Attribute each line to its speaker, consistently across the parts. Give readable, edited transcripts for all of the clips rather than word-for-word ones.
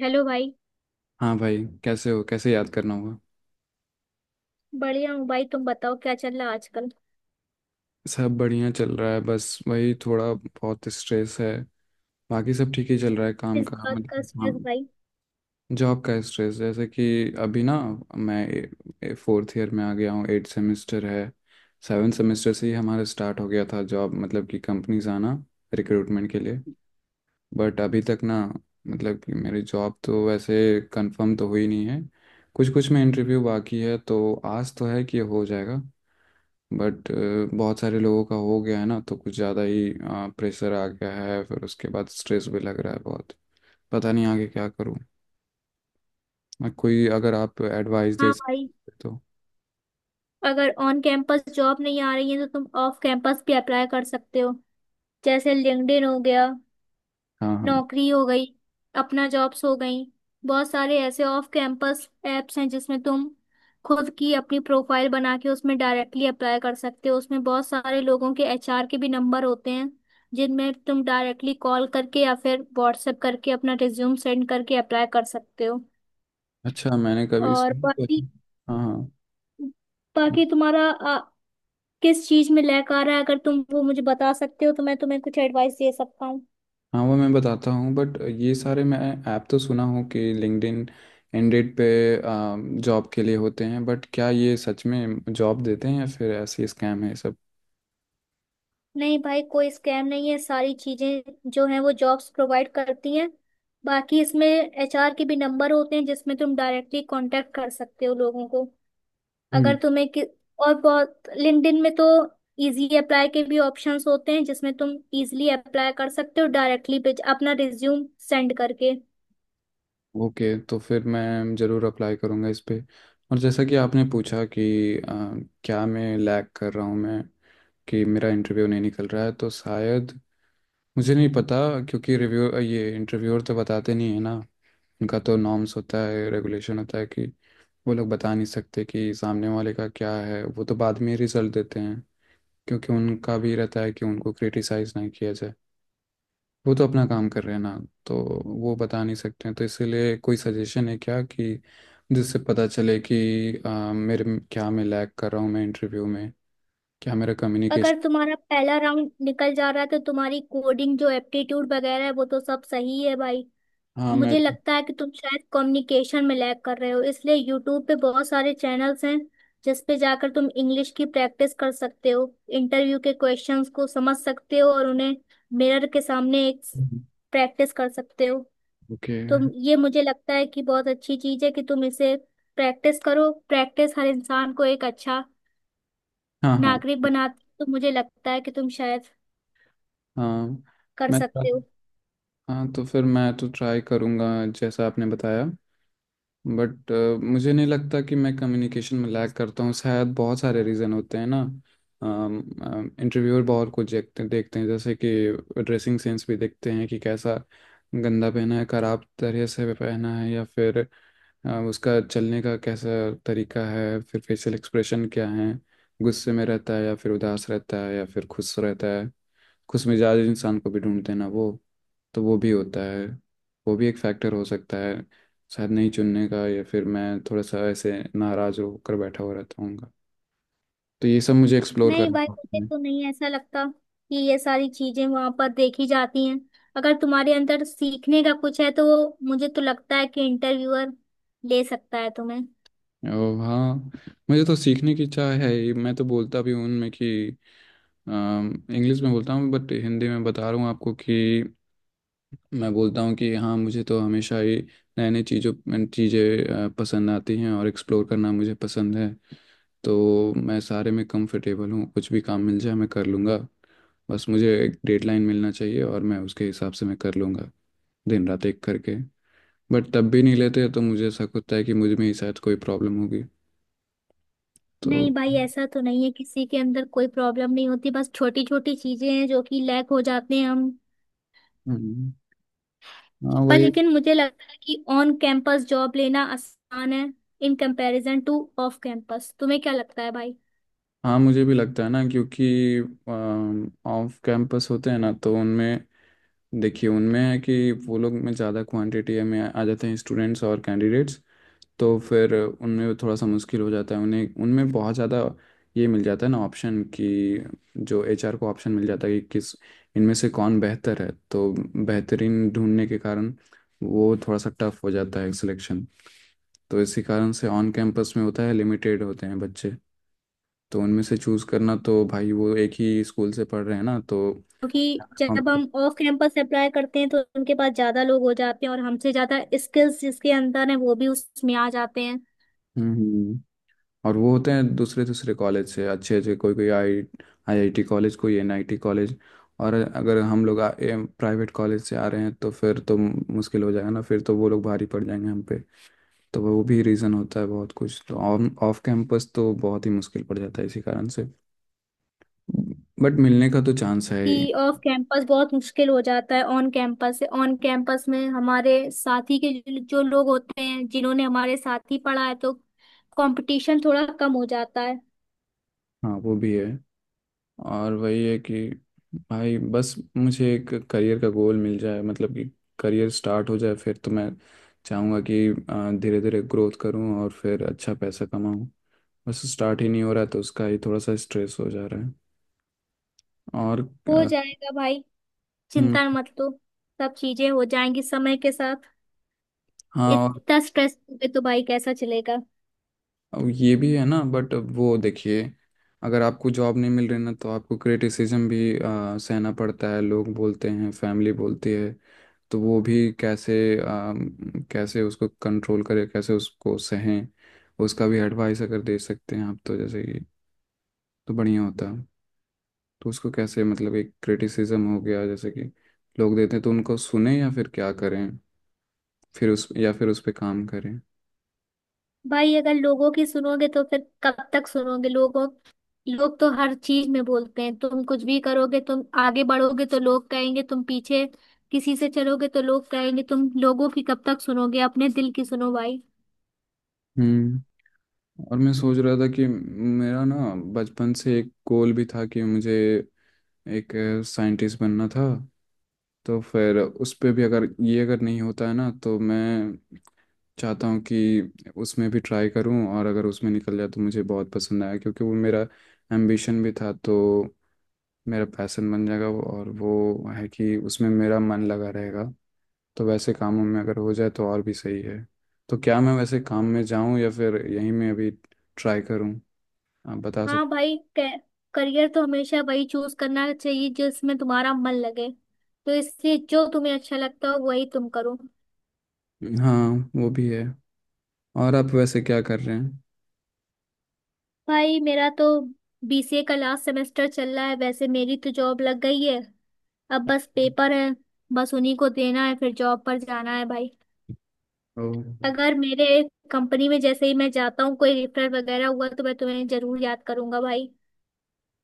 Speaker 1: Hello भाई।
Speaker 2: हाँ भाई। कैसे हो? कैसे याद करना होगा?
Speaker 1: बढ़िया हूँ भाई, तुम बताओ क्या चल रहा है आजकल।
Speaker 2: सब बढ़िया चल रहा है, बस वही थोड़ा बहुत स्ट्रेस है। बाकी सब ठीक ही चल रहा है काम
Speaker 1: इस
Speaker 2: का।
Speaker 1: बात का
Speaker 2: मतलब हाँ,
Speaker 1: स्ट्रेस भाई?
Speaker 2: जॉब का स्ट्रेस। जैसे कि अभी ना, मैं फोर्थ ईयर में आ गया हूँ, 8 सेमेस्टर है। 7 सेमेस्टर से ही हमारा स्टार्ट हो गया था जॉब, मतलब कि कंपनीज आना रिक्रूटमेंट के लिए। बट अभी तक ना, मतलब कि मेरी जॉब तो वैसे कंफर्म तो हुई नहीं है। कुछ कुछ में इंटरव्यू बाकी है, तो आज तो है कि हो जाएगा। बट बहुत सारे लोगों का हो गया है ना, तो कुछ ज़्यादा ही प्रेशर आ गया है, फिर उसके बाद स्ट्रेस भी लग रहा है बहुत। पता नहीं आगे क्या करूँ मैं। कोई, अगर आप एडवाइस दे
Speaker 1: हाँ भाई,
Speaker 2: सकते तो।
Speaker 1: अगर ऑन कैंपस जॉब नहीं आ रही है तो तुम ऑफ कैंपस भी अप्लाई कर सकते हो। जैसे लिंक्डइन हो गया,
Speaker 2: हाँ हाँ।
Speaker 1: नौकरी हो गई, अपना जॉब्स हो गई। बहुत सारे ऐसे ऑफ कैंपस एप्स हैं जिसमें तुम खुद की अपनी प्रोफाइल बना के उसमें डायरेक्टली अप्लाई कर सकते हो। उसमें बहुत सारे लोगों के एचआर के भी नंबर होते हैं जिनमें तुम डायरेक्टली कॉल करके या फिर व्हाट्सएप करके अपना रिज्यूम सेंड करके अप्लाई कर सकते हो।
Speaker 2: अच्छा, मैंने कभी
Speaker 1: और
Speaker 2: सुना तो
Speaker 1: बाकी
Speaker 2: है। हाँ हाँ।
Speaker 1: बाकी तुम्हारा किस चीज में लैक आ रहा है, अगर तुम वो मुझे बता सकते हो तो मैं तुम्हें कुछ एडवाइस दे सकता हूँ।
Speaker 2: हाँ वो मैं बताता हूँ, बट ये सारे मैं ऐप तो सुना हूँ कि लिंक्डइन इंडेड पे जॉब के लिए होते हैं। बट क्या ये सच में जॉब देते हैं या फिर ऐसे स्कैम है सब?
Speaker 1: नहीं भाई, कोई स्कैम नहीं है, सारी चीजें जो हैं वो जॉब्स प्रोवाइड करती हैं। बाकी इसमें एचआर के भी नंबर होते हैं जिसमें तुम डायरेक्टली कांटेक्ट कर सकते हो लोगों को। अगर तुम्हें कि... और बहुत लिंक्डइन में तो इजी अप्लाई के भी ऑप्शंस होते हैं जिसमें तुम इजीली अप्लाई कर सकते हो डायरेक्टली अपना रिज्यूम सेंड करके।
Speaker 2: ओके, तो फिर मैं ज़रूर अप्लाई करूँगा इस पे। और जैसा कि आपने पूछा कि क्या मैं लैग कर रहा हूँ मैं, कि मेरा इंटरव्यू नहीं निकल रहा है, तो शायद मुझे नहीं पता, क्योंकि रिव्यू ये इंटरव्यूअर तो बताते नहीं है ना। उनका तो नॉर्म्स होता है, रेगुलेशन होता है कि वो लोग बता नहीं सकते कि सामने वाले का क्या है, वो तो बाद में रिजल्ट देते हैं। क्योंकि उनका भी रहता है कि उनको क्रिटिसाइज़ नहीं किया जाए, वो तो अपना काम कर रहे हैं ना। तो वो बता नहीं सकते हैं, तो इसीलिए कोई सजेशन है क्या, कि जिससे पता चले कि क्या मैं लैग कर रहा हूँ मैं इंटरव्यू में? क्या मेरा कम्युनिकेशन?
Speaker 1: अगर तुम्हारा पहला राउंड निकल जा रहा है तो तुम्हारी कोडिंग जो एप्टीट्यूड वगैरह है वो तो सब सही है भाई।
Speaker 2: हाँ मैं।
Speaker 1: मुझे लगता है कि तुम शायद कम्युनिकेशन में लैग कर रहे हो, इसलिए यूट्यूब पे बहुत सारे चैनल्स हैं जिस पे जाकर तुम इंग्लिश की प्रैक्टिस कर सकते हो, इंटरव्यू के क्वेश्चंस को समझ सकते हो और उन्हें मिरर के सामने एक प्रैक्टिस कर सकते हो।
Speaker 2: ओके।
Speaker 1: तो ये मुझे लगता है कि बहुत अच्छी चीज है कि तुम इसे प्रैक्टिस करो। प्रैक्टिस हर इंसान को एक अच्छा
Speaker 2: हाँ हाँ
Speaker 1: नागरिक बनाती है, तो मुझे लगता है कि तुम शायद
Speaker 2: हाँ
Speaker 1: कर
Speaker 2: मैं।
Speaker 1: सकते हो।
Speaker 2: हाँ, तो फिर मैं तो ट्राई करूँगा जैसा आपने बताया। बट मुझे नहीं लगता कि मैं कम्युनिकेशन में लैग करता हूँ, शायद बहुत सारे रीज़न होते हैं ना। इंटरव्यूअर बहुत कुछ देखते देखते हैं, जैसे कि ड्रेसिंग सेंस भी देखते हैं कि कैसा गंदा पहना है, खराब तरह से पहना है, या फिर उसका चलने का कैसा तरीका है, फिर फेशियल एक्सप्रेशन क्या है, गुस्से में रहता है या फिर उदास रहता है या फिर खुश रहता है। खुश मिजाज इंसान को भी ढूंढते हैं ना वो। तो वो भी होता है, वो भी एक फैक्टर हो सकता है शायद नहीं चुनने का, या फिर मैं थोड़ा सा ऐसे नाराज होकर बैठा हुआ रहता हूँ। तो ये सब मुझे एक्सप्लोर
Speaker 1: नहीं
Speaker 2: कर।
Speaker 1: भाई, मुझे तो नहीं ऐसा लगता कि ये सारी चीजें वहां पर देखी जाती हैं। अगर तुम्हारे अंदर सीखने का कुछ है तो वो मुझे तो लगता है कि इंटरव्यूअर ले सकता है तुम्हें।
Speaker 2: और हाँ, मुझे तो सीखने की इच्छा है ही। मैं तो बोलता भी हूँ उनमें कि इंग्लिश में बोलता हूँ, बट हिंदी में बता रहा हूँ आपको, कि मैं बोलता हूँ कि हाँ मुझे तो हमेशा ही नए नए चीज़ों चीज़ें पसंद आती हैं, और एक्सप्लोर करना मुझे पसंद है। तो मैं सारे में कंफर्टेबल हूँ, कुछ भी काम मिल जाए मैं कर लूँगा। बस मुझे एक डेडलाइन मिलना चाहिए और मैं उसके हिसाब से मैं कर लूँगा, दिन रात एक करके। बट तब भी नहीं लेते तो मुझे ऐसा होता है कि मुझ में ही शायद कोई प्रॉब्लम होगी। तो
Speaker 1: नहीं भाई, ऐसा तो नहीं है, किसी के अंदर कोई प्रॉब्लम नहीं होती, बस छोटी छोटी चीजें हैं जो कि लैक हो जाते हैं हम
Speaker 2: हम्म, हाँ
Speaker 1: पर।
Speaker 2: वही।
Speaker 1: लेकिन मुझे लगता है कि ऑन कैंपस जॉब लेना आसान है in comparison to off campus. तुम्हें क्या लगता है भाई?
Speaker 2: हाँ मुझे भी लगता है ना, क्योंकि ऑफ कैंपस होते हैं ना तो उनमें, देखिए उनमें है कि वो लोग में ज़्यादा क्वांटिटी में आ जाते हैं स्टूडेंट्स और कैंडिडेट्स। तो फिर उनमें थोड़ा सा मुश्किल हो जाता है, उन्हें उनमें बहुत ज़्यादा ये मिल जाता है ना ऑप्शन, कि जो एचआर को ऑप्शन मिल जाता है कि किस, इनमें से कौन बेहतर है। तो बेहतरीन ढूंढने के कारण वो थोड़ा सा टफ हो जाता है सिलेक्शन। तो इसी कारण से ऑन कैंपस में होता है, लिमिटेड होते हैं बच्चे। तो उनमें से चूज़ करना, तो भाई वो एक ही स्कूल से पढ़ रहे हैं ना तो।
Speaker 1: क्योंकि जब हम ऑफ कैंपस अप्लाई करते हैं तो उनके पास ज्यादा लोग हो जाते हैं और हमसे ज्यादा स्किल्स जिसके अंदर है वो भी उसमें आ जाते हैं।
Speaker 2: हम्म। और वो होते हैं दूसरे दूसरे कॉलेज से, अच्छे अच्छे, कोई कोई आई आईआईटी कॉलेज, कोई एनआईटी कॉलेज। और अगर हम लोग प्राइवेट कॉलेज से आ रहे हैं, तो फिर तो मुश्किल हो जाएगा ना, फिर तो वो लोग भारी पड़ जाएंगे हम पे। तो वो भी रीज़न होता है बहुत कुछ। तो ऑन ऑफ कैंपस तो बहुत ही मुश्किल पड़ जाता है इसी कारण से। बट मिलने का तो चांस है ही।
Speaker 1: कि ऑफ कैंपस बहुत मुश्किल हो जाता है ऑन कैंपस से। ऑन कैंपस में हमारे साथी के जो जो लोग होते हैं जिन्होंने हमारे साथ ही पढ़ा है, तो कंपटीशन थोड़ा कम हो जाता है।
Speaker 2: हाँ वो भी है। और वही है कि भाई बस मुझे एक करियर का गोल मिल जाए, मतलब कि करियर स्टार्ट हो जाए, फिर तो मैं चाहूँगा कि धीरे धीरे ग्रोथ करूँ और फिर अच्छा पैसा कमाऊँ। बस स्टार्ट ही नहीं हो रहा, तो उसका ही थोड़ा सा स्ट्रेस हो जा रहा है। और
Speaker 1: हो
Speaker 2: अ,
Speaker 1: जाएगा भाई,
Speaker 2: हम्म,
Speaker 1: चिंता मत लो, सब चीजें हो जाएंगी समय के साथ।
Speaker 2: हाँ। और
Speaker 1: इतना स्ट्रेस तो भाई कैसा चलेगा।
Speaker 2: अब ये भी है ना, बट वो देखिए, अगर आपको जॉब नहीं मिल रही ना, तो आपको क्रिटिसिज्म भी सहना पड़ता है, लोग बोलते हैं, फैमिली बोलती है। तो वो भी कैसे, कैसे उसको कंट्रोल करे, कैसे उसको सहें? उसका भी एडवाइस अगर दे सकते हैं आप, तो जैसे कि, तो बढ़िया होता। तो उसको कैसे, मतलब एक क्रिटिसिज्म हो गया, जैसे कि लोग देते हैं, तो उनको सुने या फिर क्या करें? फिर उस, या फिर उस पे काम करें?
Speaker 1: भाई अगर लोगों की सुनोगे तो फिर कब तक सुनोगे लोगों? लोग तो हर चीज में बोलते हैं, तुम कुछ भी करोगे, तुम आगे बढ़ोगे तो लोग कहेंगे तुम पीछे, किसी से चलोगे तो लोग कहेंगे। तुम लोगों की कब तक सुनोगे? अपने दिल की सुनो भाई।
Speaker 2: हम्म और मैं सोच रहा था कि मेरा ना बचपन से एक गोल भी था कि मुझे एक साइंटिस्ट बनना था। तो फिर उस पे भी, अगर ये अगर नहीं होता है ना, तो मैं चाहता हूँ कि उसमें भी ट्राई करूँ, और अगर उसमें निकल जाए तो मुझे बहुत पसंद आया, क्योंकि वो मेरा एम्बिशन भी था। तो मेरा पैसन बन जाएगा वो, और वो है कि उसमें मेरा मन लगा रहेगा। तो वैसे कामों में अगर हो जाए तो और भी सही है। तो क्या मैं वैसे काम में जाऊँ या फिर यहीं में अभी ट्राई करूँ? आप बता
Speaker 1: हाँ
Speaker 2: सकते?
Speaker 1: भाई, करियर तो हमेशा वही चूज करना चाहिए जिसमें तुम्हारा मन लगे। तो इससे जो तुम्हें अच्छा लगता हो वही तुम करो।
Speaker 2: हाँ वो भी है। और आप वैसे क्या कर रहे हैं?
Speaker 1: भाई मेरा तो बीसीए का लास्ट सेमेस्टर चल रहा है, वैसे मेरी तो जॉब लग गई है। अब बस पेपर है, बस उन्हीं को देना है, फिर जॉब पर जाना है भाई।
Speaker 2: ओ।
Speaker 1: अगर मेरे कंपनी में जैसे ही मैं जाता हूँ कोई रेफर वगैरह हुआ तो मैं तुम्हें जरूर याद करूंगा भाई।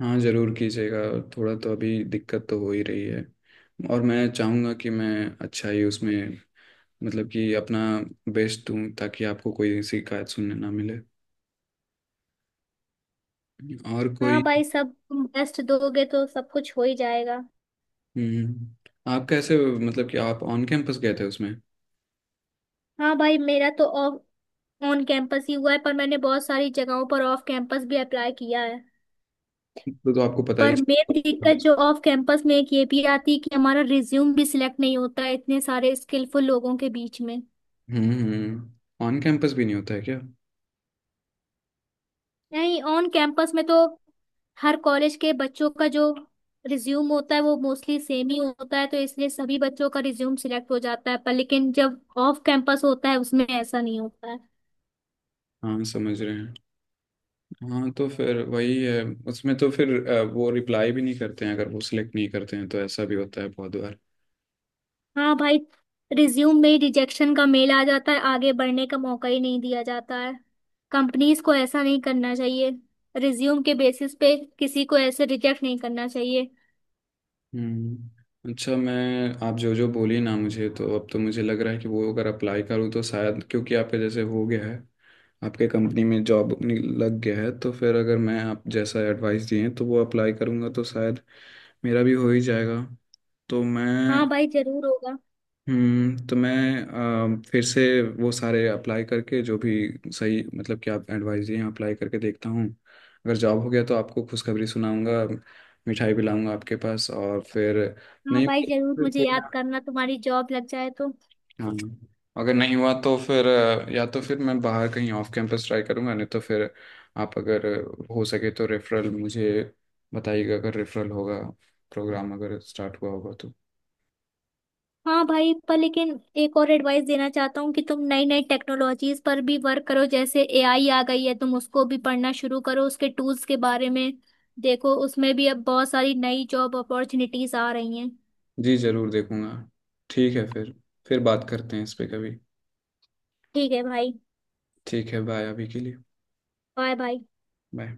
Speaker 2: हाँ जरूर कीजिएगा। थोड़ा तो अभी दिक्कत तो हो ही रही है, और मैं चाहूँगा कि मैं अच्छा ही उसमें, मतलब कि अपना बेस्ट दूँ, ताकि आपको कोई शिकायत सुनने ना मिले। और
Speaker 1: हाँ
Speaker 2: कोई
Speaker 1: भाई, सब तुम बेस्ट दोगे तो सब कुछ हो ही जाएगा।
Speaker 2: आप कैसे, मतलब कि आप ऑन कैंपस गए थे उसमें?
Speaker 1: हाँ भाई, मेरा तो ऑफ ऑन कैंपस ही हुआ है, पर मैंने बहुत सारी जगहों पर ऑफ कैंपस भी अप्लाई किया है।
Speaker 2: तो आपको पता ही
Speaker 1: पर
Speaker 2: चल-
Speaker 1: मेन दिक्कत जो ऑफ कैंपस में एक ये भी आती है कि हमारा रिज्यूम भी सिलेक्ट नहीं होता है इतने सारे स्किलफुल लोगों के बीच में।
Speaker 2: ऑन कैंपस भी नहीं होता है क्या?
Speaker 1: नहीं, ऑन कैंपस में तो हर कॉलेज के बच्चों का जो रिज्यूम होता है वो मोस्टली सेम ही होता है, तो इसलिए सभी बच्चों का रिज्यूम सिलेक्ट हो जाता है। पर लेकिन जब ऑफ कैंपस होता है उसमें ऐसा नहीं होता है।
Speaker 2: हाँ समझ रहे हैं। हाँ तो फिर वही है। उसमें तो फिर वो रिप्लाई भी नहीं करते हैं अगर वो सिलेक्ट नहीं करते हैं, तो ऐसा भी होता है बहुत बार।
Speaker 1: हाँ भाई, रिज्यूम में रिजेक्शन का मेल आ जाता है, आगे बढ़ने का मौका ही नहीं दिया जाता है। कंपनीज को ऐसा नहीं करना चाहिए, रिज्यूम के बेसिस पे किसी को ऐसे रिजेक्ट नहीं करना चाहिए।
Speaker 2: हम्म, अच्छा, मैं, आप जो जो बोली ना, मुझे तो अब तो मुझे लग रहा है कि वो अगर अप्लाई करूँ तो शायद, क्योंकि आपके जैसे हो गया है, आपके कंपनी में जॉब लग गया है। तो फिर अगर मैं आप जैसा एडवाइस दिए हैं तो वो अप्लाई करूँगा, तो शायद मेरा भी हो ही जाएगा। तो
Speaker 1: हाँ
Speaker 2: मैं,
Speaker 1: भाई, जरूर होगा।
Speaker 2: तो मैं फिर से वो सारे अप्लाई करके, जो भी सही मतलब कि आप एडवाइस दिए हैं, अप्लाई करके देखता हूँ। अगर जॉब हो गया तो आपको खुशखबरी सुनाऊंगा, मिठाई भी लाऊंगा आपके पास। और फिर
Speaker 1: हाँ
Speaker 2: नहीं,
Speaker 1: भाई, जरूर मुझे याद करना, तुम्हारी जॉब लग जाए तो।
Speaker 2: हाँ, अगर नहीं हुआ तो फिर या तो फिर मैं बाहर कहीं ऑफ कैंपस ट्राई करूंगा, नहीं तो फिर आप अगर हो सके तो रेफरल मुझे बताइएगा, अगर रेफरल होगा, प्रोग्राम अगर स्टार्ट हुआ होगा तो।
Speaker 1: हाँ भाई, पर लेकिन एक और एडवाइस देना चाहता हूँ कि तुम नई नई टेक्नोलॉजीज पर भी वर्क करो। जैसे एआई आ गई है, तुम उसको भी पढ़ना शुरू करो, उसके टूल्स के बारे में देखो। उसमें भी अब बहुत सारी नई जॉब अपॉर्चुनिटीज आ रही हैं।
Speaker 2: जी जरूर देखूंगा। ठीक है फिर बात करते हैं इस पे कभी।
Speaker 1: ठीक है भाई,
Speaker 2: ठीक है, बाय अभी के लिए।
Speaker 1: Bye bye.
Speaker 2: बाय।